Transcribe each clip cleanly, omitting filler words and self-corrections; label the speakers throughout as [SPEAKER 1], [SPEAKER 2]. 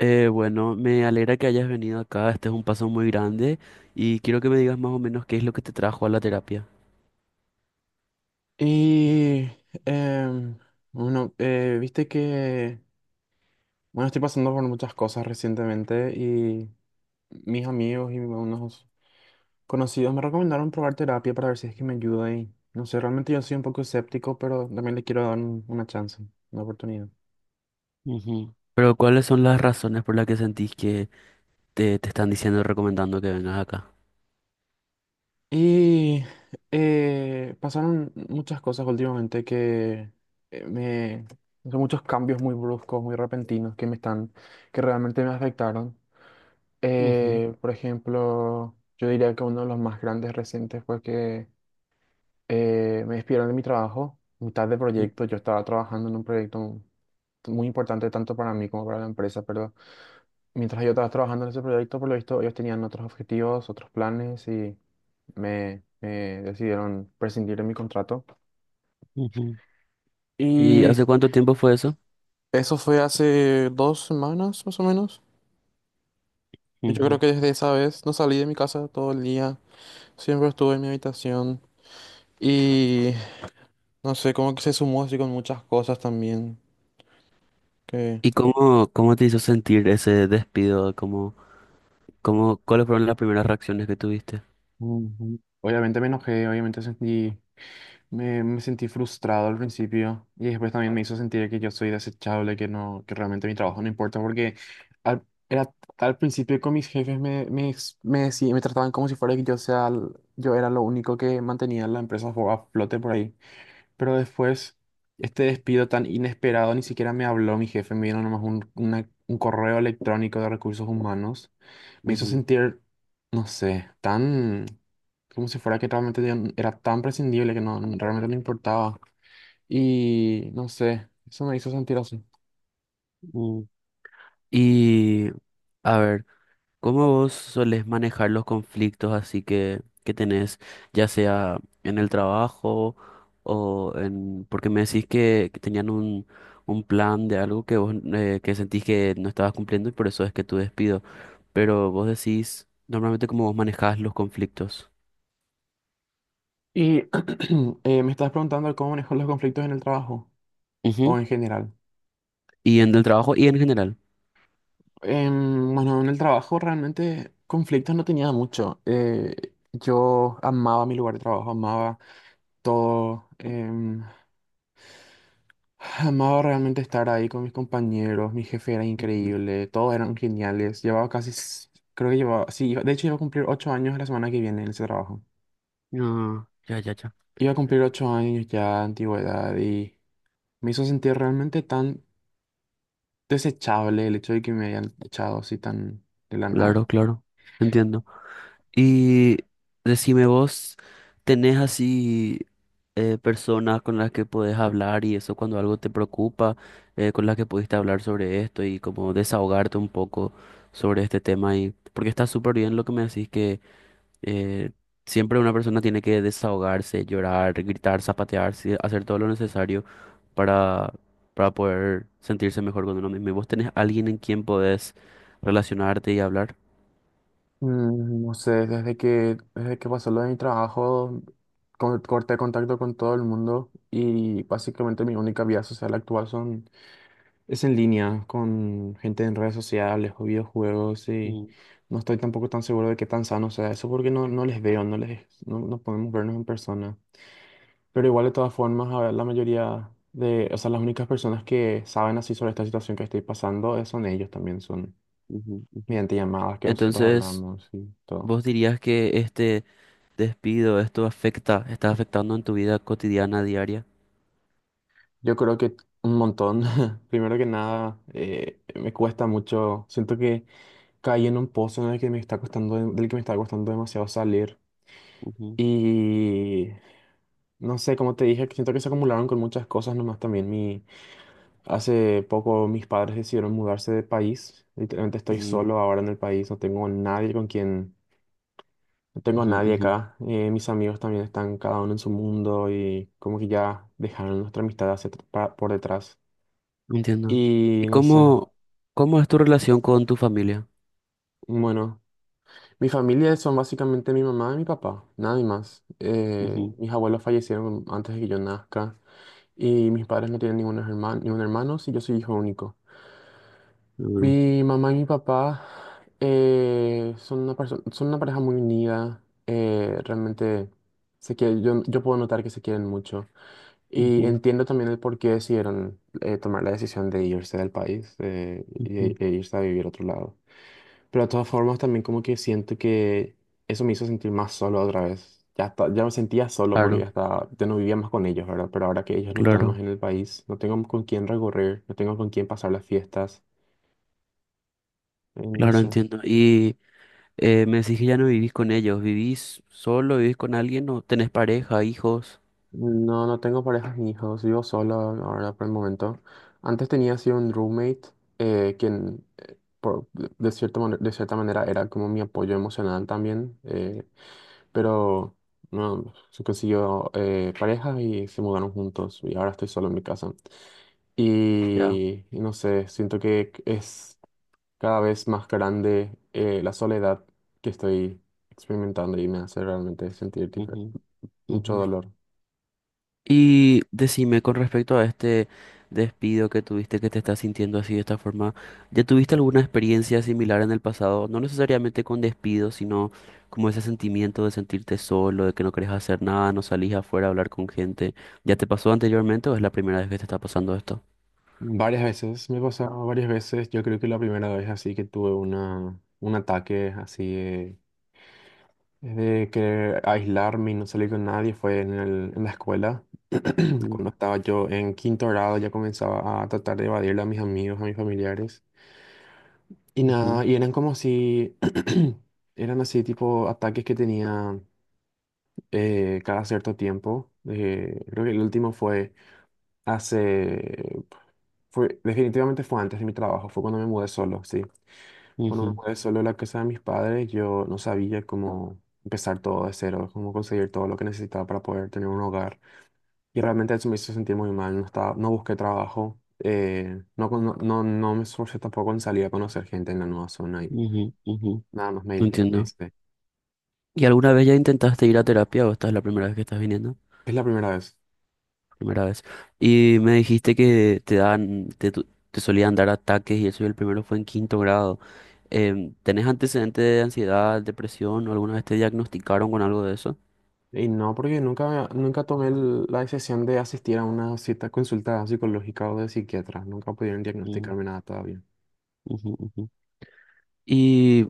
[SPEAKER 1] Bueno, me alegra que hayas venido acá. Este es un paso muy grande y quiero que me digas más o menos qué es lo que te trajo a la terapia.
[SPEAKER 2] Y, em, bueno, viste que, bueno, estoy pasando por muchas cosas recientemente y mis amigos y unos conocidos me recomendaron probar terapia para ver si es que me ayuda y, no sé, realmente yo soy un poco escéptico, pero también le quiero dar una chance, una oportunidad.
[SPEAKER 1] Ujú. Pero ¿cuáles son las razones por las que sentís que te están diciendo y recomendando que vengas acá?
[SPEAKER 2] Y pasaron muchas cosas últimamente que eh, me... Son muchos cambios muy bruscos, muy repentinos que me están, que realmente me afectaron.
[SPEAKER 1] Ujú,
[SPEAKER 2] Por ejemplo, yo diría que uno de los más grandes recientes fue que me despidieron de mi trabajo, mitad de proyecto. Yo estaba trabajando en un proyecto muy importante tanto para mí como para la empresa, pero mientras yo estaba trabajando en ese proyecto, por lo visto, ellos tenían otros objetivos, otros planes y me decidieron prescindir de mi contrato.
[SPEAKER 1] ujú. ¿Y
[SPEAKER 2] Y
[SPEAKER 1] hace cuánto tiempo fue eso?
[SPEAKER 2] eso fue hace 2 semanas más o menos. Y yo creo
[SPEAKER 1] Ujú.
[SPEAKER 2] que desde esa vez no salí de mi casa todo el día, siempre estuve en mi habitación. Y no sé, como que se sumó así con muchas cosas también. Que
[SPEAKER 1] ¿Y cómo, cómo te hizo sentir ese despido? ¿Cómo, cómo, cuáles fueron las primeras reacciones que tuviste?
[SPEAKER 2] Ujú. Obviamente me enojé, obviamente sentí, me sentí frustrado al principio y después también me hizo sentir que yo soy desechable, que no, que realmente mi trabajo no importa porque al, era, al principio con mis jefes me, me, ex- me, decí- me trataban como si fuera que yo sea, yo era lo único que mantenía la empresa a flote por ahí. Pero después, este despido tan inesperado, ni siquiera me habló mi jefe, me vino nomás un correo electrónico de recursos humanos. Me hizo
[SPEAKER 1] Ujú,
[SPEAKER 2] sentir, no sé, tan como si fuera que realmente yo era tan prescindible que realmente no importaba. Y no sé, eso me hizo sentir así.
[SPEAKER 1] mm. Y a ver. ¿Cómo vos solés manejar los conflictos así que tenés, ya sea en el trabajo o en... Porque me decís que tenían un plan de algo que vos que sentís que no estabas cumpliendo y por eso es que tu despido. Pero vos decís normalmente cómo vos manejás los conflictos.
[SPEAKER 2] Y me estás preguntando cómo manejo los conflictos en el trabajo o
[SPEAKER 1] Ujú.
[SPEAKER 2] en general.
[SPEAKER 1] Y en el trabajo y en general.
[SPEAKER 2] Bueno, en el trabajo realmente conflictos no tenía mucho. Yo amaba mi lugar de trabajo, amaba todo. Amaba realmente estar ahí con mis compañeros, mi jefe era
[SPEAKER 1] Ujú.
[SPEAKER 2] increíble, todos eran geniales. Llevaba casi, creo que llevaba, sí, de hecho iba a cumplir 8 años la semana que viene en ese trabajo.
[SPEAKER 1] Ah, ya, ya, ya.
[SPEAKER 2] Iba a cumplir ocho años ya de antigüedad y me hizo sentir realmente tan desechable el hecho de que me hayan echado así tan de la nada.
[SPEAKER 1] Claro, claro. Entiendo. Y decime vos, ¿tenés así personas con las que podés hablar y eso cuando algo te preocupa, con las que pudiste hablar sobre esto y como desahogarte un poco sobre este tema? Y, porque está súper bien lo que me decís que eh, siempre una persona tiene que desahogarse, llorar, gritar, zapatearse, hacer todo lo necesario para, para poder sentirse mejor con uno mismo. ¿Y vos tenés alguien en quien podés relacionarte y hablar?
[SPEAKER 2] No sé, desde que pasó lo de mi trabajo, corté contacto con todo el mundo y básicamente mi única vida social actual es en línea, con gente en redes sociales o videojuegos y
[SPEAKER 1] Mm,
[SPEAKER 2] no estoy tampoco tan seguro de qué tan sano sea eso porque no, no les veo, no les, no, no podemos vernos en persona. Pero igual de todas formas, a ver, la mayoría de, o sea, las únicas personas que saben así sobre esta situación que estoy pasando son ellos también, son
[SPEAKER 1] ujú, ujú.
[SPEAKER 2] mediante llamadas que nosotros
[SPEAKER 1] Entonces...
[SPEAKER 2] hablamos y todo.
[SPEAKER 1] ¿Vos dirías que este despido, esto afecta, está afectando en tu vida cotidiana, diaria?
[SPEAKER 2] Yo creo que un montón. Primero que nada, me cuesta mucho. Siento que caí en un pozo en el que me está costando, del que me está costando demasiado salir.
[SPEAKER 1] Ujú,
[SPEAKER 2] Y no sé, como te dije, que siento que se acumularon con muchas cosas nomás también. Hace poco mis padres decidieron mudarse de país. Literalmente estoy
[SPEAKER 1] ujú,
[SPEAKER 2] solo ahora en el país. No tengo nadie con quien, no tengo
[SPEAKER 1] ujú,
[SPEAKER 2] nadie
[SPEAKER 1] ujú.
[SPEAKER 2] acá. Mis amigos también están cada uno en su mundo y como que ya dejaron nuestra amistad hacia, por detrás.
[SPEAKER 1] Entiendo. ¿Y
[SPEAKER 2] Y no sé.
[SPEAKER 1] cómo, cómo es tu relación con tu familia?
[SPEAKER 2] Bueno, mi familia son básicamente mi mamá y mi papá, nadie más.
[SPEAKER 1] Ujú,
[SPEAKER 2] Mis abuelos fallecieron antes de que yo nazca y mis padres no tienen ningún hermano, sí, yo soy hijo único.
[SPEAKER 1] ujú,
[SPEAKER 2] Mi mamá y mi papá son una pareja muy unida, realmente yo puedo notar que se quieren mucho y
[SPEAKER 1] ujú,
[SPEAKER 2] entiendo también el por qué decidieron tomar la decisión de irse del país
[SPEAKER 1] ujú.
[SPEAKER 2] e irse a vivir a otro lado. Pero de todas formas también como que siento que eso me hizo sentir más solo otra vez. Ya, ya me sentía solo porque
[SPEAKER 1] Claro,
[SPEAKER 2] ya no vivía más con ellos, ¿verdad? Pero ahora que ellos no están más
[SPEAKER 1] claro,
[SPEAKER 2] en el país, no tengo con quién recorrer, no tengo con quién pasar las fiestas, no
[SPEAKER 1] claro,
[SPEAKER 2] sé.
[SPEAKER 1] entiendo. Y me decís que ya no vivís con ellos, ¿vivís solo, vivís con alguien o tenés pareja, hijos?
[SPEAKER 2] No, no tengo parejas ni hijos, vivo solo ahora por el momento. Antes tenía así un roommate, quien por, de, cierta, mane- de cierta manera era como mi apoyo emocional también. Pero no, se consiguió pareja y se mudaron juntos y ahora estoy solo en mi casa.
[SPEAKER 1] Ya.
[SPEAKER 2] Y no sé, siento que es cada vez más grande la soledad que estoy experimentando y me hace realmente sentir
[SPEAKER 1] Ujú,
[SPEAKER 2] mucho
[SPEAKER 1] ujú.
[SPEAKER 2] dolor.
[SPEAKER 1] Y decime con respecto a este despido que tuviste, que te estás sintiendo así de esta forma, ¿ya tuviste alguna experiencia similar en el pasado? No necesariamente con despido, sino como ese sentimiento de sentirte solo, de que no querés hacer nada, no salís afuera a hablar con gente. ¿Ya te pasó anteriormente o es la primera vez que te está pasando esto?
[SPEAKER 2] Varias veces, me ha pasado varias veces, yo creo que la primera vez así que tuve un ataque así de querer aislarme y no salir con nadie fue en en la escuela.
[SPEAKER 1] Mm,
[SPEAKER 2] Cuando estaba yo en quinto grado ya comenzaba a tratar de evadirle a mis amigos, a mis familiares. Y
[SPEAKER 1] ujú,
[SPEAKER 2] nada, y eran como si, eran así tipo ataques que tenía cada cierto tiempo. Creo que el último fue hace, definitivamente fue antes de mi trabajo, fue cuando me mudé solo, sí. Bueno, me
[SPEAKER 1] ujú,
[SPEAKER 2] mudé solo a la casa de mis padres. Yo no sabía cómo empezar todo de cero, cómo conseguir todo lo que necesitaba para poder tener un hogar. Y realmente eso me hizo sentir muy mal. No estaba, no busqué trabajo. No me esforcé tampoco en salir a conocer gente en la nueva zona y
[SPEAKER 1] ujú, ujú.
[SPEAKER 2] nada más me aislé. Me
[SPEAKER 1] Entiendo.
[SPEAKER 2] aislé.
[SPEAKER 1] ¿Y alguna vez ya intentaste ir a terapia o esta es la primera vez que estás viniendo?
[SPEAKER 2] Es la primera vez.
[SPEAKER 1] Primera vez. Y me dijiste que te dan, te, te solían dar ataques y eso, y el primero fue en quinto grado. ¿Tenés antecedentes de ansiedad, depresión o alguna vez te diagnosticaron con algo de eso?
[SPEAKER 2] Y no, porque nunca, tomé la decisión de asistir a una cita consulta psicológica o de psiquiatra. Nunca pudieron
[SPEAKER 1] Mm,
[SPEAKER 2] diagnosticarme nada todavía.
[SPEAKER 1] ujú, ujú. Y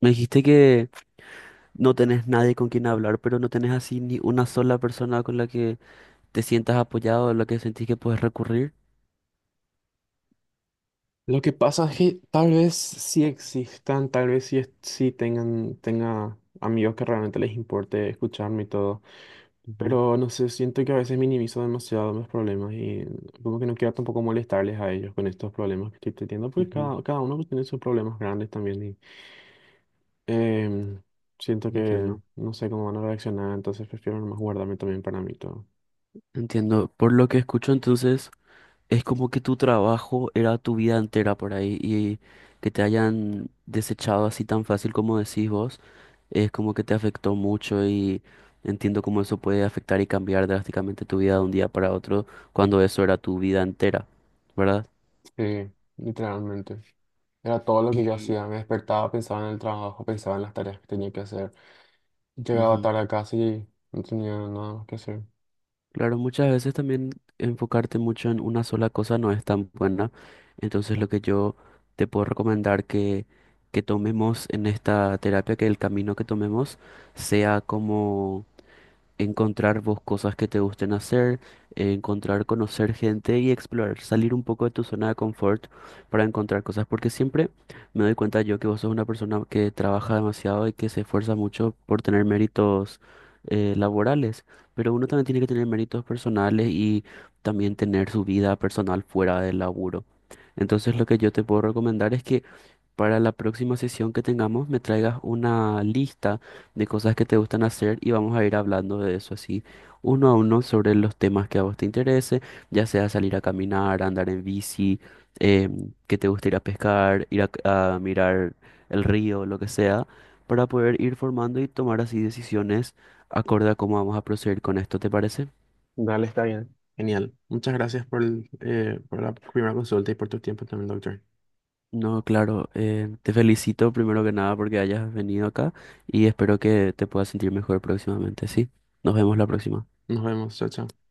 [SPEAKER 1] me dijiste que no tenés nadie con quien hablar, pero no tenés así ni una sola persona con la que te sientas apoyado, a la que sentís que puedes recurrir.
[SPEAKER 2] Lo que pasa es que tal vez sí existan, tal vez sí, sí tenga amigos que realmente les importe escucharme y todo,
[SPEAKER 1] Ujú,
[SPEAKER 2] pero no sé, siento que a veces minimizo demasiado mis problemas y como que no quiero tampoco molestarles a ellos con estos problemas que estoy teniendo, porque
[SPEAKER 1] ujú,
[SPEAKER 2] cada uno tiene sus problemas grandes también y em, siento que
[SPEAKER 1] entiendo.
[SPEAKER 2] no sé cómo van a reaccionar, entonces prefiero nomás guardarme también para mí todo.
[SPEAKER 1] Entiendo. Por lo que escucho, entonces. Es como que tu trabajo era tu vida entera por ahí y que te hayan desechado así tan fácil como decís vos, es como que te afectó mucho y entiendo cómo eso puede afectar y cambiar drásticamente tu vida de un día para otro cuando eso era tu vida entera, ¿verdad?
[SPEAKER 2] Sí, literalmente. Era todo lo que yo
[SPEAKER 1] Y
[SPEAKER 2] hacía. Me despertaba, pensaba en el trabajo, pensaba en las tareas que tenía que hacer. Llegaba
[SPEAKER 1] ujú.
[SPEAKER 2] tarde a casa y no tenía nada más que hacer.
[SPEAKER 1] Claro, muchas veces también enfocarte mucho en una sola cosa no es tan buena. Entonces lo que yo te puedo recomendar que, tomemos en esta terapia, que el camino que tomemos sea como encontrar vos cosas que te gusten hacer, encontrar, conocer gente y explorar, salir un poco de tu zona de confort para encontrar cosas, porque siempre me doy cuenta yo que vos sos una persona que trabaja demasiado y que se esfuerza mucho por tener méritos laborales, pero uno también tiene que tener méritos personales y también tener su vida personal fuera del laburo. Entonces lo que yo te puedo recomendar es que para la próxima sesión que tengamos me traigas una lista de cosas que te gustan hacer y vamos a ir hablando de eso así uno a uno sobre los temas que a vos te interese, ya sea salir a caminar, andar en bici, eh, que te guste ir a pescar, ir a mirar el río, lo que sea, para poder ir formando y tomar así decisiones acorde a cómo vamos a proceder con esto, ¿te parece?
[SPEAKER 2] Dale, está bien. Genial. Muchas gracias por la primera consulta y por tu tiempo también, doctor.
[SPEAKER 1] No, claro, te felicito primero que nada porque hayas venido acá y espero que te puedas sentir mejor próximamente. Sí, nos vemos la próxima.
[SPEAKER 2] Nos vemos. Chao, chao.